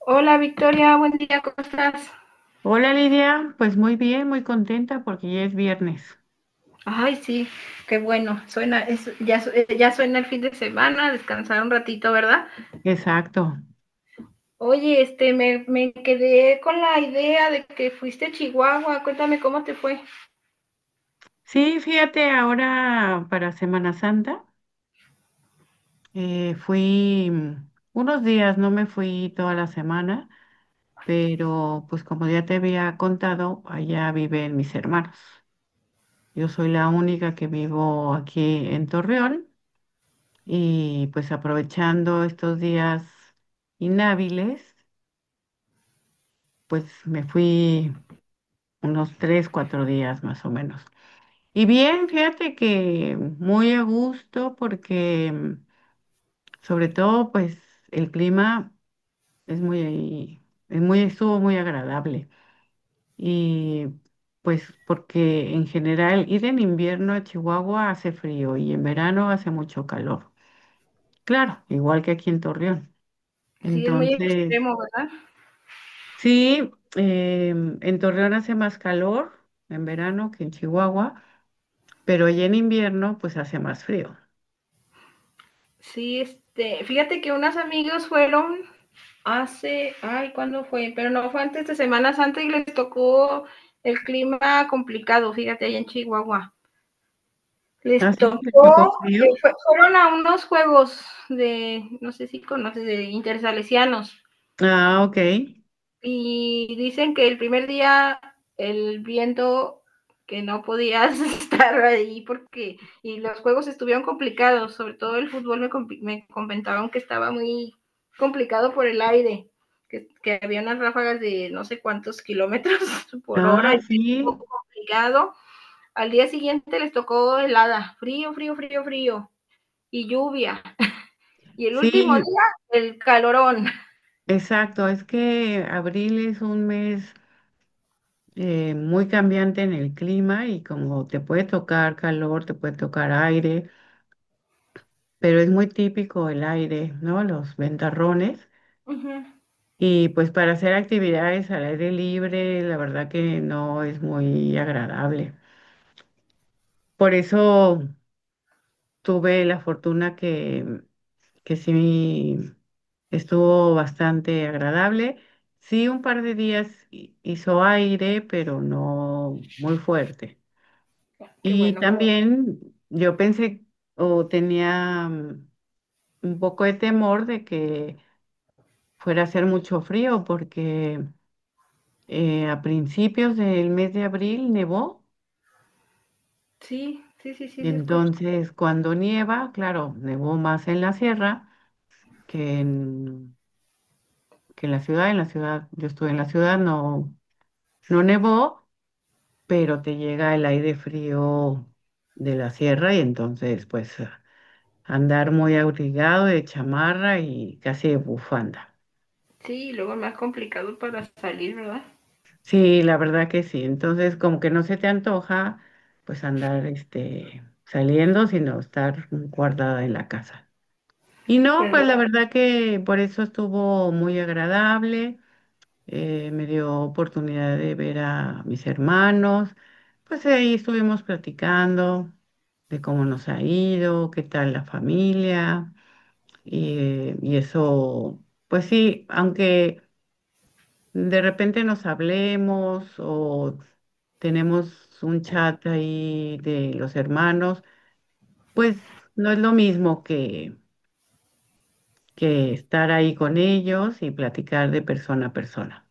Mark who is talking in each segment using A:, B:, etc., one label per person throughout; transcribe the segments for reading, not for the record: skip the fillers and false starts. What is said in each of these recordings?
A: Hola Victoria, buen día, ¿cómo estás?
B: Hola Lidia, pues muy bien, muy contenta porque ya es viernes.
A: Ay, sí, qué bueno, suena, ya suena el fin de semana, descansar un ratito, ¿verdad?
B: Exacto.
A: Oye, me quedé con la idea de que fuiste a Chihuahua, cuéntame cómo te fue.
B: Sí, fíjate, ahora para Semana Santa fui unos días, no me fui toda la semana, pero pues como ya te había contado, allá viven mis hermanos. Yo soy la única que vivo aquí en Torreón y pues aprovechando estos días inhábiles, pues me fui unos tres, cuatro días más o menos. Y bien, fíjate que muy a gusto porque sobre todo pues el clima es muy, es muy, estuvo muy agradable. Y pues porque en general ir en invierno a Chihuahua hace frío y en verano hace mucho calor. Claro, igual que aquí en Torreón.
A: Sí, es muy
B: Entonces,
A: extremo, ¿verdad?
B: sí, en Torreón hace más calor en verano que en Chihuahua, pero ya en invierno pues hace más frío.
A: Sí, este, fíjate que unas amigos fueron hace, ay, ¿cuándo fue? Pero no fue antes de Semana Santa y les tocó el clima complicado, fíjate, allá en Chihuahua. Les
B: ¿Así? ¿Te
A: tocó,
B: tocó frío?
A: fueron a unos juegos de, no sé si conoces, de intersalesianos.
B: Ah, ok.
A: Y dicen que el primer día el viento que no podías estar ahí porque y los juegos estuvieron complicados, sobre todo el me comentaron que estaba muy complicado por el aire, que había unas ráfagas de no sé cuántos kilómetros por hora
B: Ah,
A: y
B: sí,
A: estuvo complicado. Al día siguiente les tocó helada, frío, frío, frío, frío y lluvia. Y el último
B: sí,
A: día, el calorón.
B: exacto. Es que abril es un mes muy cambiante en el clima y como te puede tocar calor, te puede tocar aire, pero es muy típico el aire, ¿no? Los ventarrones.
A: Ujú.
B: Y pues para hacer actividades al aire libre, la verdad que no es muy agradable. Por eso tuve la fortuna que sí estuvo bastante agradable. Sí, un par de días hizo aire, pero no muy fuerte.
A: Qué
B: Y
A: bueno, qué bueno.
B: también yo pensé o tenía un poco de temor de que fuera a hacer mucho frío porque a principios del mes de abril nevó
A: Sí, sí, sí,
B: y
A: sí, se escucha.
B: entonces cuando nieva, claro, nevó más en la sierra que en, que en la ciudad. En la ciudad, yo estuve en la ciudad, no, no nevó, pero te llega el aire frío de la sierra y entonces pues andar muy abrigado de chamarra y casi de bufanda.
A: Sí, y luego más complicado para salir, ¿verdad?
B: Sí, la verdad que sí. Entonces como que no se te antoja pues andar este saliendo, sino estar guardada en la casa. Y no, pues
A: Pero
B: la claro, verdad que por eso estuvo muy agradable. Eh, me dio oportunidad de ver a mis hermanos. Pues ahí estuvimos platicando de cómo nos ha ido, qué tal la familia. Y eso, pues sí, aunque de repente nos hablemos o tenemos un chat ahí de los hermanos, pues no es lo mismo que estar ahí con ellos y platicar de persona a persona.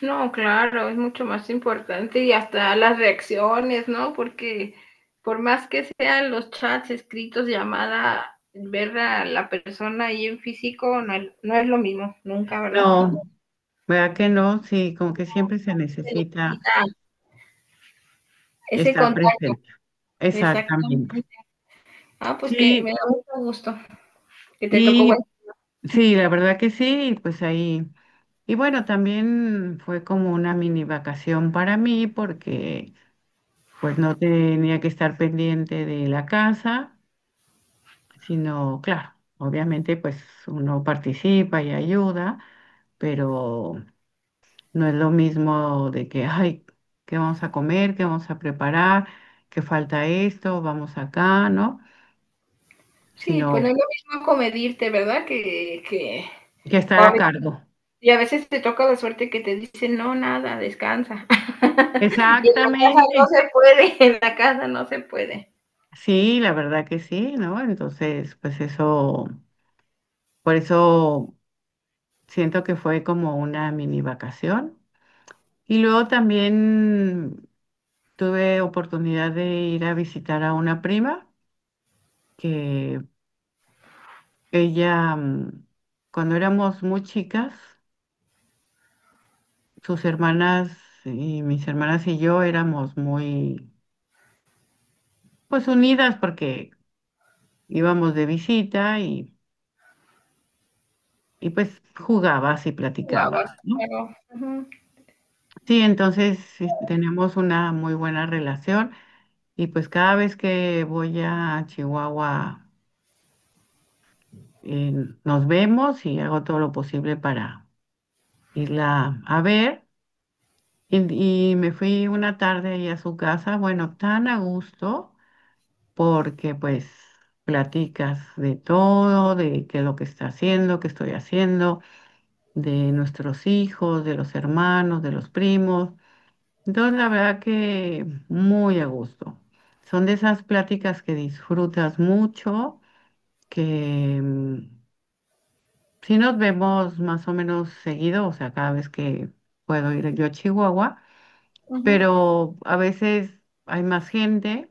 A: no, claro, es mucho más importante y hasta las reacciones, ¿no? Porque por más que sean los chats escritos, llamada, ver a la persona ahí en físico no, no es lo mismo, nunca, ¿verdad?
B: No, ¿verdad que no? Sí, como que siempre se
A: Se
B: necesita
A: necesita ese
B: estar
A: contacto,
B: presente. Exactamente.
A: exactamente. Ah, pues que
B: Sí,
A: me da mucho gusto que te tocó.
B: y sí, la verdad que sí, y pues ahí. Y bueno, también fue como una mini vacación para mí porque pues no tenía que estar pendiente de la casa, sino, claro, obviamente pues uno participa y ayuda, pero no es lo mismo de que, ay, ¿qué vamos a comer? ¿Qué vamos a preparar? ¿Qué falta esto? Vamos acá, ¿no?
A: Sí, pues no
B: Sino
A: es lo mismo comedirte, ¿verdad? Que
B: que
A: o
B: estar
A: a
B: a
A: veces
B: cargo.
A: y a veces te toca la suerte que te dicen: "No, nada, descansa". Y en la casa
B: Exactamente.
A: no se puede, en la casa no se puede.
B: Sí, la verdad que sí, ¿no? Entonces, pues eso, por eso siento que fue como una mini vacación. Y luego también tuve oportunidad de ir a visitar a una prima que ella, cuando éramos muy chicas, sus hermanas y mis hermanas y yo éramos muy, pues unidas porque íbamos de visita y pues jugabas y platicabas,
A: Jugabas,
B: ¿no?
A: claro. Ujú,
B: Sí, entonces sí, tenemos una muy buena relación y pues cada vez que voy a Chihuahua eh, nos vemos y hago todo lo posible para irla a ver. Y me fui una tarde ahí a su casa, bueno, tan a gusto, porque pues platicas de todo, de qué es lo que está haciendo, qué estoy haciendo, de nuestros hijos, de los hermanos, de los primos. Entonces, la verdad que muy a gusto. Son de esas pláticas que disfrutas mucho, que sí nos vemos más o menos seguido, o sea, cada vez que puedo ir yo a Chihuahua,
A: ujú.
B: pero a veces hay más gente,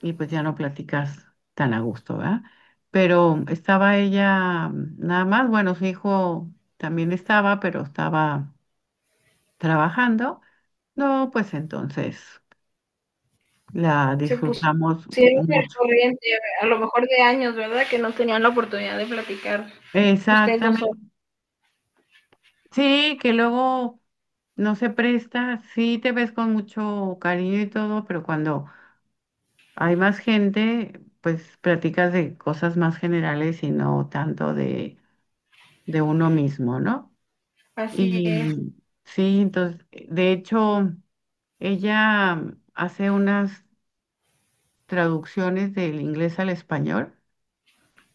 B: y pues ya no platicas tan a gusto, ¿verdad? Pero estaba ella nada más, bueno, su hijo también estaba, pero estaba trabajando. No, pues entonces la
A: Se
B: disfrutamos
A: pusieron al
B: mucho.
A: corriente, a lo mejor de años, ¿verdad? Que no tenían la oportunidad de platicar ustedes dos solos.
B: Exactamente. Sí, que luego no se presta, sí te ves con mucho cariño y todo, pero cuando hay más gente, pues platicas de cosas más generales y no tanto de uno mismo, ¿no?
A: Así es.
B: Y sí, entonces, de hecho, ella hace unas traducciones del inglés al español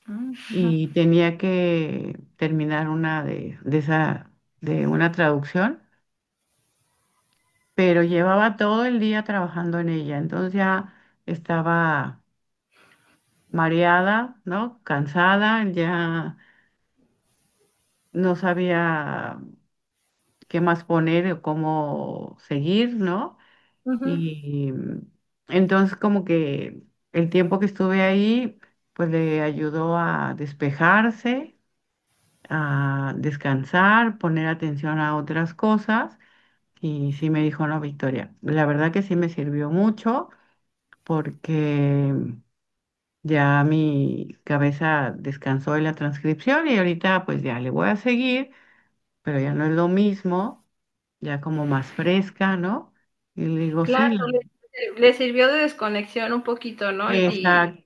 A: Mm,
B: y tenía que terminar una de esa, de una traducción, pero llevaba todo el día trabajando en ella, entonces ya estaba mareada, ¿no? Cansada, ya no sabía qué más poner o cómo seguir, ¿no?
A: ujú.
B: Y entonces como que el tiempo que estuve ahí, pues le ayudó a despejarse, a descansar, poner atención a otras cosas. Y sí me dijo, no, Victoria, la verdad que sí me sirvió mucho porque ya mi cabeza descansó de la transcripción y ahorita pues ya le voy a seguir, pero ya no es lo mismo, ya como más fresca, ¿no? Y le digo,
A: Claro,
B: sí, la-
A: le les sirvió de desconexión un poquito, ¿no? Y
B: Exacto.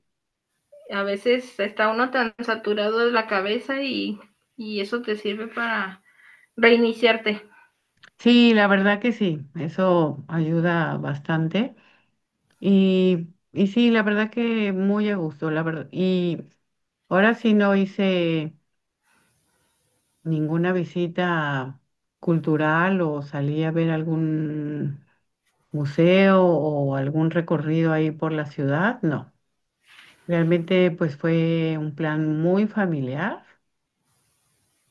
A: a veces está uno tan saturado de la cabeza y eso te sirve para reiniciarte.
B: Sí, la verdad que sí, eso ayuda bastante. Y sí, la verdad que muy a gusto, la verdad. Y ahora sí no hice ninguna visita cultural o salí a ver algún museo o algún recorrido ahí por la ciudad, no. Realmente pues fue un plan muy familiar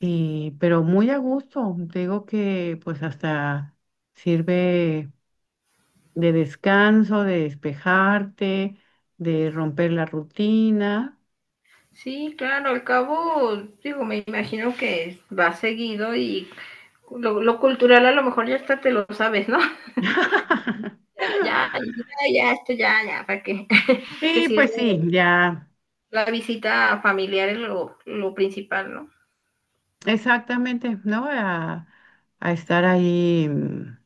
B: y pero muy a gusto. Te digo que pues hasta sirve de descanso, de despejarte, de romper la rutina.
A: Sí, claro, al cabo, digo, me imagino que va seguido y lo cultural a lo mejor ya hasta te lo sabes, ¿no? Ya, ya, ya, ya, esto ya, ya, para que
B: Sí,
A: sirve
B: pues sí, ya,
A: la visita familiar es lo principal, ¿no?
B: exactamente, ¿no? A estar ahí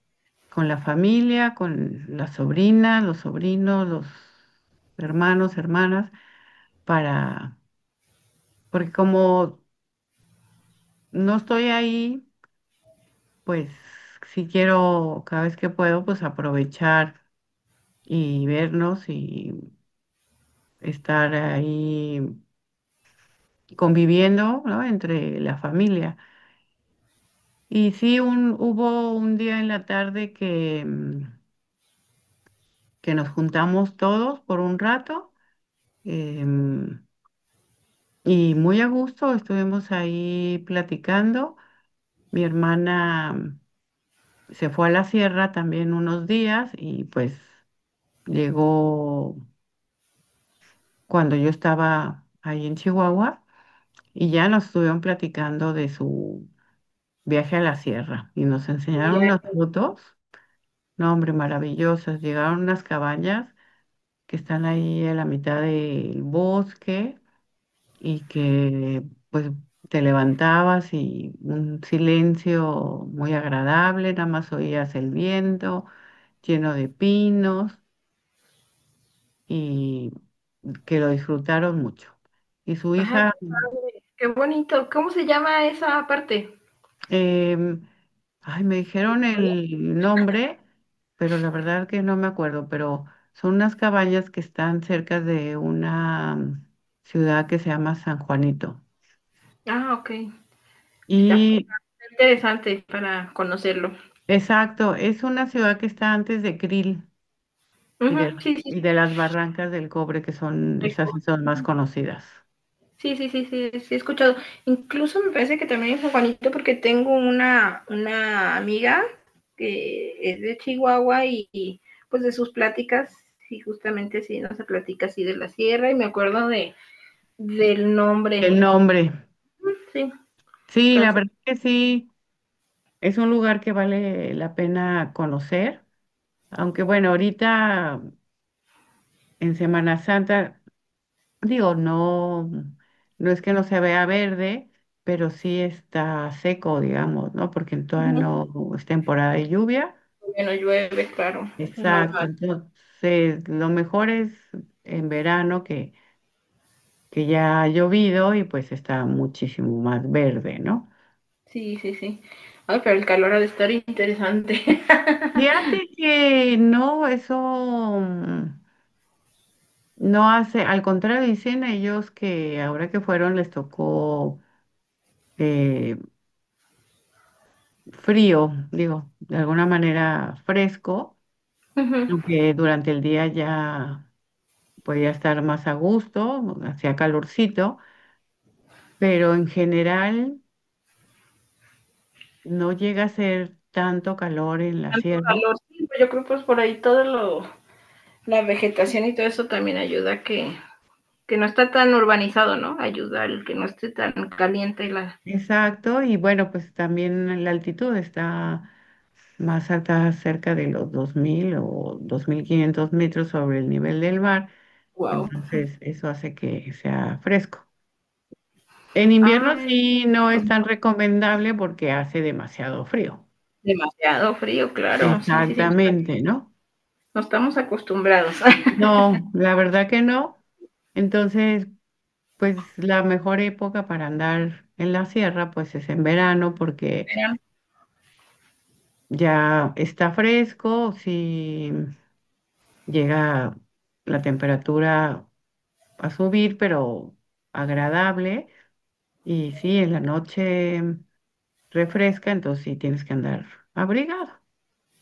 B: con la familia, con las sobrinas, los sobrinos, los hermanos, hermanas, para, porque como no estoy ahí, pues si quiero, cada vez que puedo, pues aprovechar y vernos y estar ahí conviviendo, ¿no? Entre la familia. Y sí, un, hubo un día en la tarde que, que nos juntamos todos por un rato em, y muy a gusto estuvimos ahí platicando. Mi hermana se fue a la sierra también unos días y pues llegó cuando yo estaba ahí en Chihuahua y ya nos estuvieron platicando de su viaje a la sierra y nos enseñaron unas fotos. No, hombre, maravillosas. Llegaron unas cabañas que están ahí en la mitad del bosque y que pues te levantabas y un silencio muy agradable, nada más oías el viento lleno de pinos y que lo disfrutaron mucho. Y su
A: Ajá,
B: hija
A: qué padre, qué bonito. ¿Cómo se llama esa parte?
B: Em, ay, me dijeron el nombre, pero la verdad que no me acuerdo, pero son unas cabañas que están cerca de una ciudad que se llama San Juanito.
A: Ah, ok. Está
B: Y
A: interesante para conocerlo.
B: exacto, es una ciudad que está antes de Krill y de,
A: Ujú,
B: la-
A: sí, sí,
B: y de las Barrancas del Cobre, que son
A: sí.
B: esas sí son más conocidas.
A: Sí, sí, sí, sí, sí, he escuchado. Incluso me parece que también es San Juanito porque tengo una amiga que es de Chihuahua pues de sus pláticas, sí, justamente sí, nos platica así de la sierra y me acuerdo de del nombre.
B: El nombre.
A: Sí,
B: Sí, la
A: entonces,
B: verdad que sí, es un lugar que vale la pena conocer, aunque bueno, ahorita en Semana Santa digo, no, no es que no se vea verde, pero sí está seco, digamos, ¿no? Porque todavía
A: ujú,
B: no es temporada de lluvia.
A: bueno, llueve, claro, es
B: Exacto.
A: normal.
B: Entonces, lo mejor es en verano que ya ha llovido y pues está muchísimo más verde, ¿no?
A: Sí, sí, sí. Ay, pero el calor ha de estar interesante.
B: Fíjate que no, eso mm, no hace, al contrario, dicen ellos que ahora que fueron les tocó eh, frío, digo, de alguna manera fresco,
A: Ujú.
B: aunque durante el día ya podía estar más a gusto, hacía calorcito, pero en general no llega a ser tanto calor en la
A: Tanto
B: sierra.
A: calor. Sí, pues, yo creo pues por ahí todo lo, la vegetación y todo eso también ayuda a que no está tan urbanizado, ¿no? Ayuda al que no esté tan caliente la.
B: Exacto, y bueno, pues también la altitud está más alta, cerca de los 2000 o 2500 metros sobre el nivel del mar,
A: Wow.
B: entonces eso hace que sea fresco. En invierno
A: Ay,
B: sí no es
A: pues
B: tan recomendable porque hace demasiado frío.
A: demasiado frío, claro. Sí, sí, sí.
B: Exactamente, ¿no?
A: No estamos acostumbrados.
B: No, la verdad que no. Entonces, pues la mejor época para andar en la sierra, pues es en verano porque ya está fresco, si llega la temperatura a subir, pero agradable. Y sí, en la noche refresca, entonces sí tienes que andar abrigado.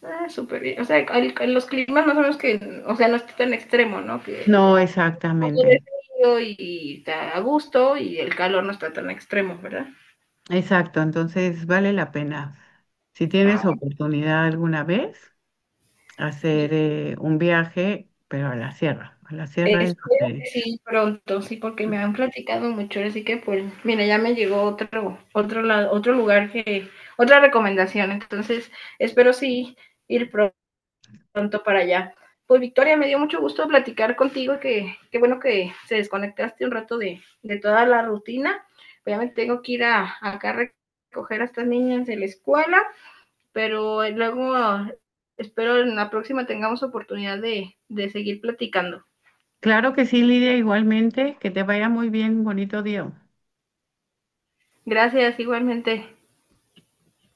A: Ah, súper bien. O sea, los climas más o menos que, o sea, no está tan extremo, ¿no? Que
B: No,
A: un poco de
B: exactamente.
A: frío y está a gusto y el calor no está tan extremo, ¿verdad?
B: Exacto, entonces vale la pena. Si
A: Ah,
B: tienes oportunidad alguna vez, hacer un viaje, pero a la sierra. A la sierra es
A: espero que
B: donde...
A: sí pronto, sí, porque me han platicado mucho, así que pues, mira, ya me llegó otro lugar que, otra recomendación, entonces espero sí ir pronto para allá. Pues Victoria, me dio mucho gusto platicar contigo, que qué bueno que se desconectaste un rato de toda la rutina. Obviamente tengo que ir a, acá a recoger a estas niñas de la escuela, pero luego espero en la próxima tengamos oportunidad de seguir platicando.
B: Claro que sí, Lidia, igualmente. Que te vaya muy bien. Bonito día.
A: Gracias, igualmente.